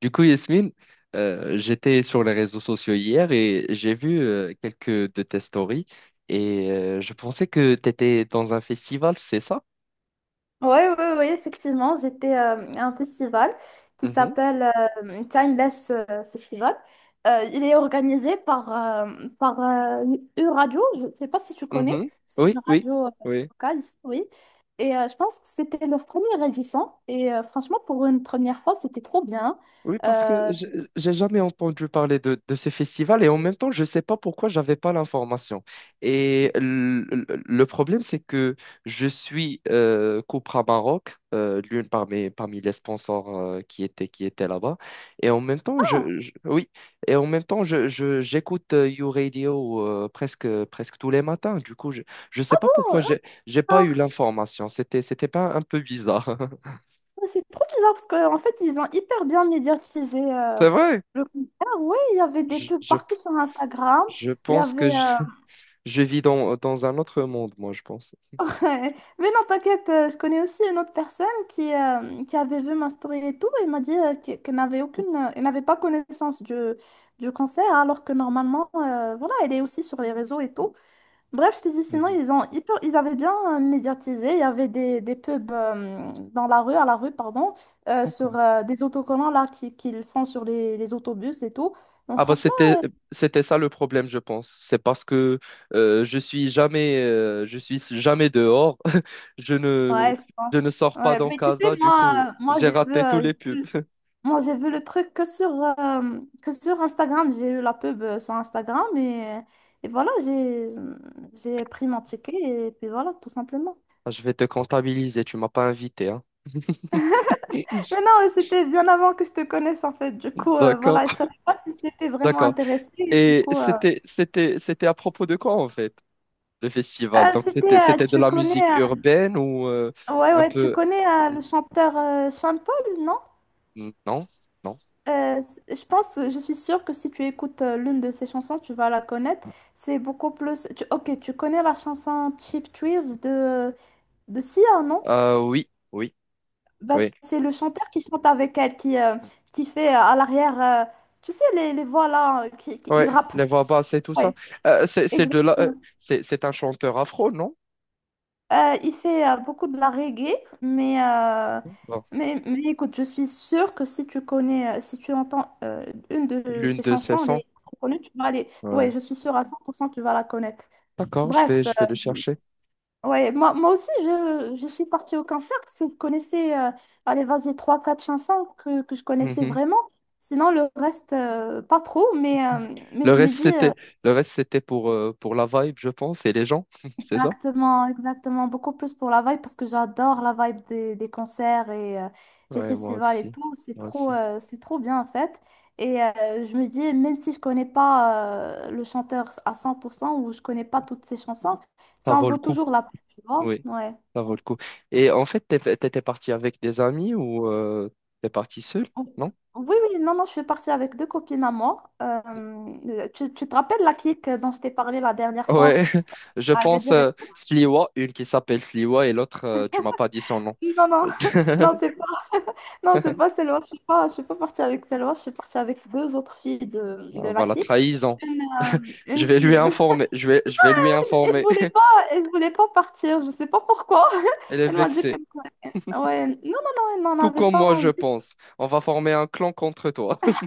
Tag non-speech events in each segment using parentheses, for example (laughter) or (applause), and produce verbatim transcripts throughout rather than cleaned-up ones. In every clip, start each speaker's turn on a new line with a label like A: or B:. A: Du coup, Yasmine, euh, j'étais sur les réseaux sociaux hier et j'ai vu euh, quelques de tes stories et euh, je pensais que tu étais dans un festival, c'est ça?
B: Oui, oui, oui, effectivement, j'étais euh, à un festival qui
A: Mhm,
B: s'appelle euh, Timeless euh, Festival. Euh, il est organisé par, euh, par euh, une radio, je ne sais pas si tu connais,
A: mhm.
B: c'est
A: Oui,
B: une
A: oui,
B: radio euh,
A: oui.
B: locale, ici, oui. Et euh, je pense que c'était leur première édition. Et euh, franchement, pour une première fois, c'était trop bien.
A: Oui, parce que
B: Euh,
A: je- j'ai jamais entendu parler de, de ce festival et en même temps, je ne sais pas pourquoi j'avais pas l'information. Et le, le- le problème, c'est que je suis euh, Copra Maroc, euh, l'une parmi, parmi les sponsors euh, qui étaient, qui étaient là-bas. Et en même temps,
B: ah,
A: je, je- oui, et en même temps, je, je- j'écoute euh, You Radio euh, presque, presque tous les matins. Du coup, je ne sais pas pourquoi
B: ah,
A: j'ai, j'ai pas
B: ah,
A: eu l'information. C'était, c'était pas un peu bizarre. (laughs)
B: c'est trop bizarre parce qu'en fait, ils ont hyper bien médiatisé euh,
A: C'est vrai.
B: le concert. Oui, il y avait des
A: Je,
B: pubs
A: je,
B: partout sur Instagram.
A: je
B: Il y
A: pense que
B: avait. Euh,
A: je vis dans, dans un autre monde, moi, je pense.
B: Ouais. Mais non, t'inquiète, euh, je connais aussi une autre personne qui, euh, qui avait vu ma story et tout, et m'a dit euh, qu'e- qu'elle n'avait aucune, euh, elle n'avait pas connaissance du, du cancer, alors que normalement, euh, voilà, elle est aussi sur les réseaux et tout. Bref, je t'ai dit, sinon,
A: Mhm.
B: ils ont hyper- ils avaient bien euh, médiatisé, il y avait des, des pubs euh, dans la rue, à la rue, pardon, euh, sur
A: D'accord.
B: euh, des autocollants là qui- qu'ils font sur les, les autobus et tout. Donc
A: Ah bah
B: franchement,
A: c'était c'était ça le problème, je pense. C'est parce que euh, je suis jamais euh, je suis jamais dehors. (laughs) Je ne
B: ouais, je
A: je
B: pense.
A: ne sors pas
B: Ouais,
A: dans
B: mais tu sais,
A: Casa. Du
B: moi,
A: coup,
B: euh, moi
A: j'ai
B: j'ai vu,
A: raté tous
B: euh,
A: les pubs. (laughs)
B: Moi, j'ai vu le truc que sur, euh, que sur Instagram. J'ai eu la pub euh, sur Instagram et, et voilà, j'ai, j'ai pris mon ticket et puis voilà, tout simplement.
A: Ah, je vais te comptabiliser, tu m'as pas invité, hein. (laughs)
B: Mais non, mais c'était bien avant que je te connaisse en fait. Du coup, euh,
A: D'accord,
B: voilà, je savais pas si t'étais vraiment
A: d'accord.
B: intéressée. Du
A: Et
B: coup, euh,
A: c'était c'était c'était à propos de quoi en fait le festival?
B: euh,
A: Donc
B: c'était,
A: c'était
B: euh,
A: c'était de
B: tu
A: la
B: connais,
A: musique urbaine ou euh,
B: euh, ouais,
A: un
B: ouais, tu
A: peu
B: connais euh, le chanteur euh, Sean Paul, non?
A: hmm, non, non.
B: Euh, je pense, je suis sûre que si tu écoutes euh, l'une de ces chansons, tu vas la connaître. C'est beaucoup plus. Tu- Ok, tu connais la chanson Cheap Thrills de, de Sia, non?
A: Euh, oui, oui.
B: Bah,
A: Oui.
B: c'est le chanteur qui chante avec elle, qui, euh, qui fait euh, à l'arrière, euh, tu sais, les, les voix là, euh, qui, qui- il
A: Ouais,
B: rappe.
A: les voix basses et tout ça.
B: Ouais,
A: Euh, c'est c'est de là, euh,
B: exactement.
A: c'est c'est un chanteur afro, non?
B: Euh, il fait euh, beaucoup de la reggae, mais, euh,
A: Bon,
B: mais, mais écoute, je suis sûre que si tu connais, euh, si tu entends euh, une de
A: l'une
B: ses
A: de ses
B: chansons,
A: sons.
B: les connues, tu vas aller.
A: Ouais.
B: Ouais, je suis sûre à cent pour cent que tu vas la connaître.
A: D'accord, je vais
B: Bref, euh,
A: je vais le chercher.
B: ouais, moi, moi aussi, je, je suis partie au concert parce que je connaissais, euh, allez, vas-y, trois, quatre chansons que, que je connaissais
A: Mhm.
B: vraiment. Sinon, le reste, euh, pas trop, mais, euh, mais
A: Le
B: je me
A: reste
B: dis. Euh,
A: c'était le reste c'était pour euh, pour la vibe, je pense, et les gens, (laughs) c'est ça?
B: Exactement, exactement. Beaucoup plus pour la vibe parce que j'adore la vibe des, des concerts et euh, des
A: Ouais, moi
B: festivals et
A: aussi,
B: tout. C'est
A: moi
B: trop,
A: aussi.
B: euh, c'est trop bien en fait. Et euh, je me dis, même si je connais pas euh, le chanteur à cent pour cent ou je connais pas toutes ses chansons,
A: Ça
B: ça en
A: vaut le
B: vaut
A: coup.
B: toujours la peine, tu vois?
A: Oui,
B: Ouais.
A: ça vaut
B: Ouais.
A: le coup. Et en fait, t'es- t'étais parti avec des amis ou euh, t'es parti seul, non?
B: Oui, oui, non, non, je suis partie avec deux copines à moi. Euh, tu, tu te rappelles la clique dont je t'ai parlé la dernière fois
A: Ouais, (laughs) je
B: à
A: pense
B: Agadir et
A: euh,
B: tout?
A: Sliwa, une qui s'appelle Sliwa et l'autre, euh, tu m'as pas dit son nom.
B: Non, non, (laughs) non,
A: (laughs)
B: c'est non, c'est pas Selwa, je suis pas, je suis pas partie avec Selwa, je suis partie avec deux autres filles de, de
A: Euh,
B: la
A: voilà,
B: clique.
A: trahison.
B: Une, euh,
A: Je
B: une
A: vais
B: qui,
A: lui
B: (laughs)
A: informer. Je vais, je vais lui
B: elle
A: informer.
B: voulait pas,
A: (laughs)
B: elle voulait pas partir, je sais pas pourquoi. (laughs)
A: Elle est
B: Elle m'a dit que,
A: vexée.
B: ouais, non, non, non, elle n'en
A: Tout
B: avait
A: comme
B: pas
A: moi, je
B: envie.
A: pense. On va former un clan contre toi. (laughs)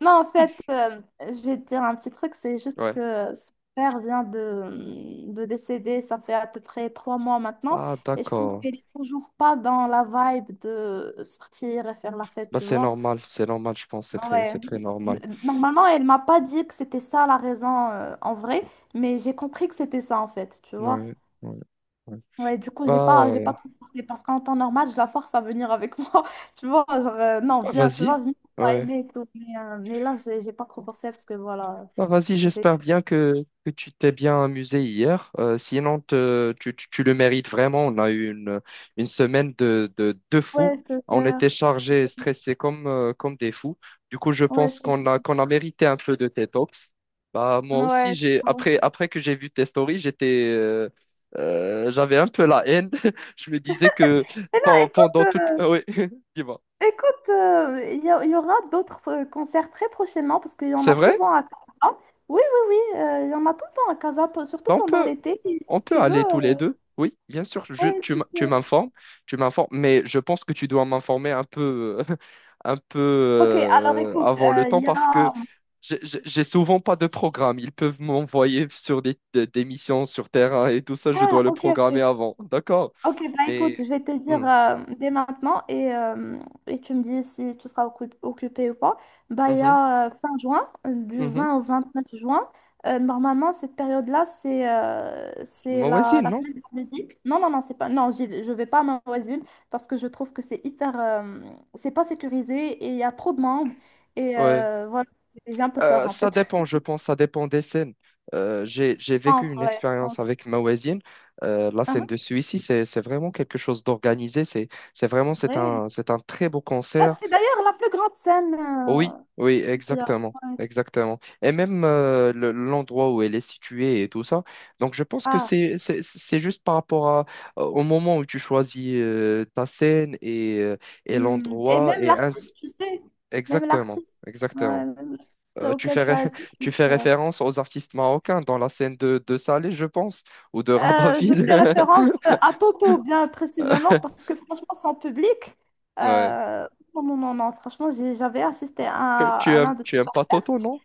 B: Non, en fait, euh, je vais te dire un petit truc, c'est juste
A: Ouais.
B: que son père vient de, de décéder, ça fait à peu près trois mois maintenant,
A: Ah,
B: et je pense
A: d'accord.
B: qu'elle est toujours pas dans la vibe de sortir et faire la fête,
A: Bah,
B: tu
A: c'est
B: vois.
A: normal. C'est normal, je pense. C'est très,
B: Ouais.
A: c'est très normal.
B: N- Normalement, elle m'a pas dit que c'était ça la raison euh, en vrai, mais j'ai compris que c'était ça en fait, tu vois.
A: Ouais, ouais, ouais.
B: Ouais, du coup, j'ai
A: Bah,
B: pas, j'ai
A: euh,
B: pas trop forcé parce qu'en temps normal, je la force à venir avec (laughs) moi, tu vois. Genre, euh, non,
A: bah,
B: viens, tu
A: vas-y.
B: vois, viens, on va
A: Ouais.
B: aimer et tout. Mais, euh, mais là, j'ai j'ai pas trop forcé parce que voilà,
A: Bah, vas-y,
B: j'ai.
A: j'espère bien que, que tu t'es bien amusé hier. Euh, sinon, te- tu, tu, tu le mérites vraiment. On a eu une, une semaine de, de, de
B: Ouais,
A: fous.
B: je te
A: On était
B: jure.
A: chargés et
B: Je te-
A: stressés comme, euh, comme des fous. Du coup, je
B: Ouais,
A: pense
B: je te
A: qu'on a, qu'on a mérité un peu de tes talks. Bah, moi aussi,
B: Ouais.
A: j'ai,
B: Ouais.
A: après, après que j'ai vu tes stories, j'étais, euh, euh, j'avais un peu la haine. (laughs) Je me disais que
B: Mais là,
A: pen-
B: écoute.
A: pendant toute...
B: Euh,
A: Ah oui, (laughs) dis-moi.
B: Écoute, euh, il y, a- il y aura d'autres euh, concerts très prochainement parce qu'il y en
A: C'est
B: a
A: vrai?
B: souvent à Casa. Oui, oui, oui, euh, il y en a tout le temps à Casa, p- surtout
A: Bah, on
B: pendant
A: peut,
B: l'été. Et
A: On
B: si
A: peut
B: tu veux,
A: aller tous les
B: euh,
A: deux, oui, bien sûr. Je,
B: ouais,
A: tu
B: tu
A: m- tu
B: peux.
A: m'informes, tu m'informes, mais je pense que tu dois m'informer un peu, euh, (laughs) un peu
B: Ok, alors
A: euh,
B: écoute,
A: avant le
B: euh, il
A: temps,
B: y
A: parce que
B: a.
A: j'ai j'ai- j'ai souvent pas de programme. Ils peuvent m'envoyer sur des, des, des missions sur terrain et tout ça, je
B: Ah,
A: dois le
B: ok, ok.
A: programmer avant, d'accord?
B: Ok, bah écoute,
A: Mais.
B: je vais te dire
A: Hmm.
B: euh, dès maintenant et, euh, et tu me dis si tu seras occu- occupé ou pas. Bah, il y
A: Mhm.
B: a euh, fin juin, euh, du
A: Mhm.
B: vingt au vingt-neuf juin. Euh, normalement, cette période-là, c'est euh, c'est
A: Moi
B: la,
A: aussi,
B: la
A: non?
B: semaine de la musique. Non, non, non, c'est pas. Non, j'y vais- je vais pas à ma voisine parce que je trouve que c'est hyper. Euh, c'est pas sécurisé et il y a trop de monde. Et
A: Ouais.
B: euh, voilà, j'ai j'ai un peu peur
A: Euh,
B: en
A: ça
B: fait.
A: dépend,
B: (laughs)
A: je pense, ça dépend des scènes. Euh, j'ai, j'ai
B: Je pense,
A: vécu une
B: ouais, je
A: expérience
B: pense.
A: avec ma voisine. Euh, la scène
B: Uhum,
A: de celui-ci, c'est, c'est vraiment quelque chose d'organisé. C'est, c'est vraiment, c'est
B: ouais.
A: un, c'est un très beau
B: Ah,
A: concert.
B: c'est d'ailleurs la plus grande scène
A: Oui,
B: euh,
A: oui,
B: qu'il y a.
A: exactement,
B: Ouais.
A: exactement. Et même euh, le- l'endroit où elle est située et tout ça. Donc, je pense que
B: Ah.
A: c'est, c'est, c'est juste par rapport à, au moment où tu choisis euh, ta scène et, euh, et
B: Hmm. Et
A: l'endroit
B: même
A: et ainsi.
B: l'artiste, tu sais, même
A: Exactement,
B: l'artiste, ouais,
A: exactement.
B: même l'artiste
A: Euh,
B: là
A: tu
B: auquel
A: fais,
B: tu as
A: ré-
B: assisté.
A: (laughs) tu fais
B: euh,
A: référence aux artistes marocains dans la scène de, de Salé, je pense, ou de
B: euh, je
A: Rabatville.
B: fais référence euh, à Toto, bien précisément, parce
A: (laughs)
B: que franchement, sans public,
A: Ouais.
B: euh, non, non, non, non, franchement, j'ai- j'avais assisté
A: Tu,
B: à,
A: tu
B: à
A: aimes,
B: l'un de
A: tu
B: ses
A: aimes pas
B: concerts.
A: Toto, non?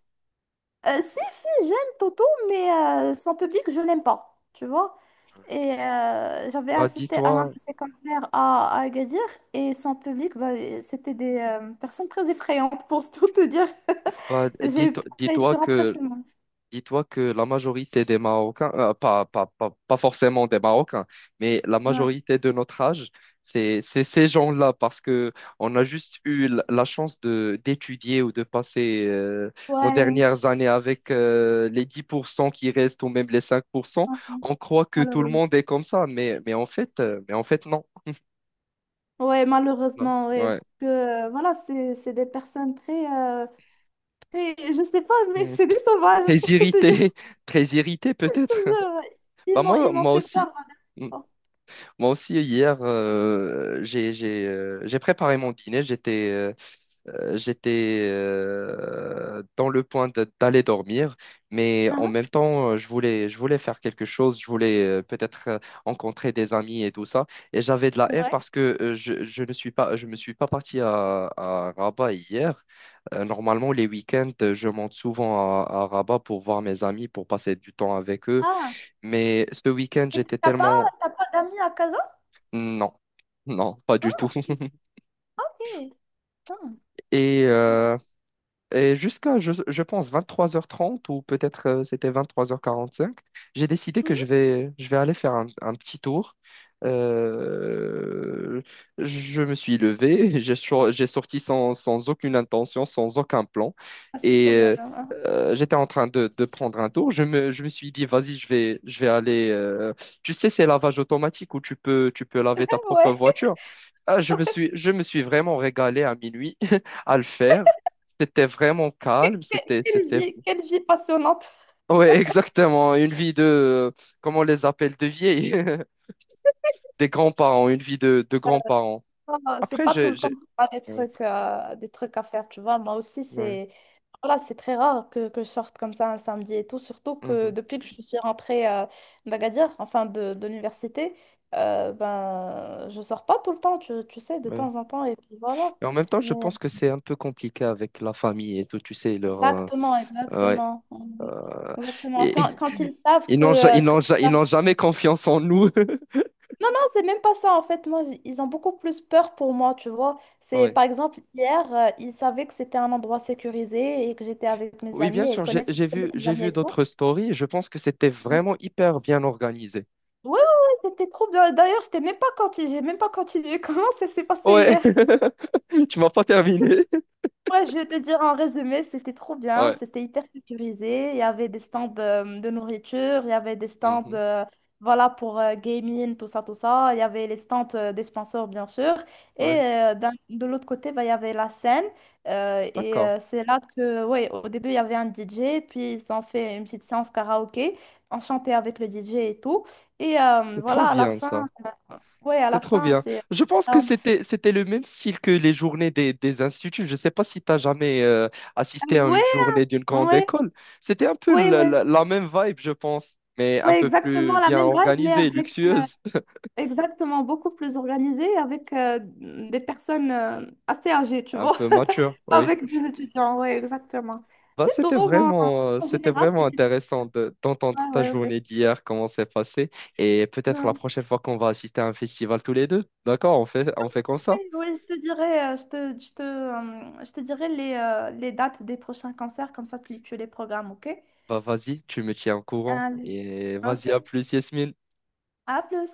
B: Euh, si, si, j'aime Toto, mais euh, sans public, je l'aime pas, tu vois. Et euh, j'avais
A: Bah,
B: assisté à l'un de
A: dis-toi,
B: ses concerts à, à Agadir, et sans public, bah, c'était des euh, personnes très effrayantes, pour tout te dire.
A: bah,
B: (laughs) J'ai eu
A: dis-toi,
B: pareil, je
A: dis-toi
B: suis rentrée
A: que
B: chez moi.
A: dis-toi que la majorité des Marocains, euh, pas, pas, pas, pas forcément des Marocains, mais la
B: Ouais.
A: majorité de notre âge, c'est, c'est ces gens-là, parce que on a juste eu l- la chance de d'étudier ou de passer euh, nos
B: Ouais.
A: dernières années avec euh, les dix pour cent qui restent ou même les cinq pour cent.
B: Ouais,
A: On croit que tout le
B: malheureusement.
A: monde est comme ça, mais, mais en fait, euh, mais en fait, non.
B: Ouais, malheureusement, ouais.
A: Ouais.
B: Parce que, euh, voilà, c'est c'est des personnes très, euh, très. Je sais pas, mais
A: Mm.
B: c'est des sauvages,
A: Très
B: pour tout te dire.
A: irrité, (laughs) très irrité
B: (laughs)
A: peut-être. (laughs)
B: Je- ouais. Ils
A: Bah
B: m'ont
A: moi,
B: ils m'ont
A: moi
B: fait peur
A: aussi.
B: la dernière
A: Hmm.
B: fois.
A: Moi aussi, hier, euh, j'ai, j'ai, euh, j'ai préparé mon dîner. J'étais euh, euh, j'étais euh, dans le point de- d'aller dormir, mais en
B: Ah,
A: même temps, euh, je voulais, je voulais faire quelque chose. Je voulais euh, peut-être euh, rencontrer des amis et tout ça. Et j'avais de la
B: ah.
A: haine
B: Ouais.
A: parce que euh, je, je ne suis pas, je me suis pas parti à, à Rabat hier. Euh, normalement, les week-ends, je monte souvent à, à Rabat pour voir mes amis, pour passer du temps avec eux.
B: Ah.
A: Mais ce week-end,
B: Et
A: j'étais
B: t'as pas,
A: tellement
B: t'as pas d'amis à Casa?
A: non, non, pas du tout.
B: Ah, ok.
A: (laughs)
B: Ok. Ah.
A: Et et jusqu'à, je, je pense, vingt-trois heures trente ou peut-être euh, c'était vingt-trois heures quarante-cinq, j'ai décidé que je
B: Mhm.
A: vais, je vais aller faire un, un petit tour. Euh, je me suis levé, (laughs) j'ai sor- j'ai sorti sans, sans aucune intention, sans aucun plan.
B: Ah, c'est
A: Et
B: trop bien.
A: euh,
B: Ah,
A: euh, j'étais en train de, de prendre un tour. Je me, je me suis dit, vas-y, je vais, je vais aller. Euh, tu sais, ces lavages automatiques où tu peux, tu peux laver ta propre
B: ouais.
A: voiture. Ah, je me
B: (laughs)
A: suis, je me suis vraiment régalé à minuit (laughs) à le faire. C'était vraiment calme, c'était,
B: Quelle
A: c'était,
B: vie, quelle vie passionnante.
A: ouais, (laughs) exactement, une vie de, euh, comment on les appelle, de vieilles (laughs) des grands-parents, une vie de, de grands-parents.
B: Pas, C'est
A: Après,
B: pas tout
A: j'ai,
B: le temps
A: j'ai,
B: que t'as des
A: ouais,
B: trucs, euh, des trucs à faire, tu vois. Moi aussi,
A: ouais,
B: c'est voilà, c'est très rare que, que je sorte comme ça un samedi et tout. Surtout que
A: mhm,
B: depuis que je suis rentrée euh, d'Agadir, enfin de, de l'université, euh, ben, je sors pas tout le temps, tu, tu sais, de
A: ouais.
B: temps en temps. Et puis voilà.
A: Et en même temps, je
B: Mais-
A: pense que c'est un peu compliqué avec la famille et tout, tu sais, leur, euh,
B: Exactement,
A: ouais,
B: exactement. Ouais.
A: euh,
B: Exactement. Quand,
A: et-
B: quand ils savent
A: ils
B: que,
A: n'ont, ja-
B: euh,
A: ils
B: que
A: n'ont, ja- ils n'ont jamais confiance en nous. (laughs)
B: c'est même pas ça en fait, moi j- ils ont beaucoup plus peur pour moi, tu vois. C'est
A: Ouais.
B: par exemple hier, euh, ils savaient que c'était un endroit sécurisé et que j'étais avec mes
A: Oui, bien
B: amis et ils
A: sûr, j'ai,
B: connaissent, ils
A: j'ai vu,
B: connaissent mes
A: j'ai
B: amis
A: vu
B: et tout.
A: d'autres stories, je pense que c'était
B: Ouais,
A: vraiment hyper bien organisé.
B: ouais, ouais, c'était trop bien. D'ailleurs, j'étais même pas continué, j'ai même pas continué. (laughs) Comment ça s'est passé
A: Ouais,
B: hier?
A: (laughs) tu m'as pas terminé.
B: Ouais, je vais te dire en résumé, c'était trop bien,
A: Ouais.
B: c'était hyper sécurisé. Il y avait des stands euh, de nourriture, il y avait des stands
A: Mhm.
B: euh, voilà, pour euh, gaming, tout ça, tout ça. Il y avait les stands euh, des sponsors, bien sûr. Et
A: Ouais,
B: euh, d'un- de l'autre côté, bah, il y avait la scène. Euh, et
A: d'accord.
B: euh, c'est là que, ouais, au début, il y avait un D J, puis ils ont fait une petite séance karaoké, on chantait avec le D J et tout. Et euh,
A: C'est trop
B: voilà, à la
A: bien
B: fin,
A: ça.
B: ouais, à
A: C'est
B: la
A: trop
B: fin,
A: bien.
B: c'est...
A: Je pense que
B: euh,
A: c'était c'était le même style que les journées des, des instituts. Je ne sais pas si tu as jamais euh, assisté à
B: ouais,
A: une journée d'une grande
B: ouais,
A: école. C'était un peu
B: ouais,
A: la,
B: ouais.
A: la- la même vibe, je pense, mais un
B: Oui,
A: peu
B: exactement
A: plus
B: la
A: bien
B: même vibe, mais
A: organisée,
B: avec
A: luxueuse,
B: exactement beaucoup plus organisé, avec euh, des personnes euh, assez âgées,
A: (laughs)
B: tu
A: un
B: vois,
A: peu mature,
B: (laughs)
A: oui.
B: avec des étudiants, oui, exactement.
A: Bah,
B: C'est tout,
A: c'était
B: moi,
A: vraiment euh,
B: en
A: c'était
B: général,
A: vraiment
B: c'était...
A: intéressant de- d'entendre
B: Ouais,
A: ta
B: ouais, ouais.
A: journée d'hier, comment c'est passé. Et peut-être la
B: Ouais.
A: prochaine fois qu'on va assister à un festival tous les deux. D'accord, on fait, on fait comme ça.
B: Oui, je te dirai, euh, je te, je te, euh, je te dirai les, euh, les dates des prochains concerts, comme ça tu, tu les programmes, ok?
A: Bah vas-y, tu me tiens au courant.
B: Allez.
A: Et
B: Ok,
A: vas-y, à plus, Yasmine.
B: à plus.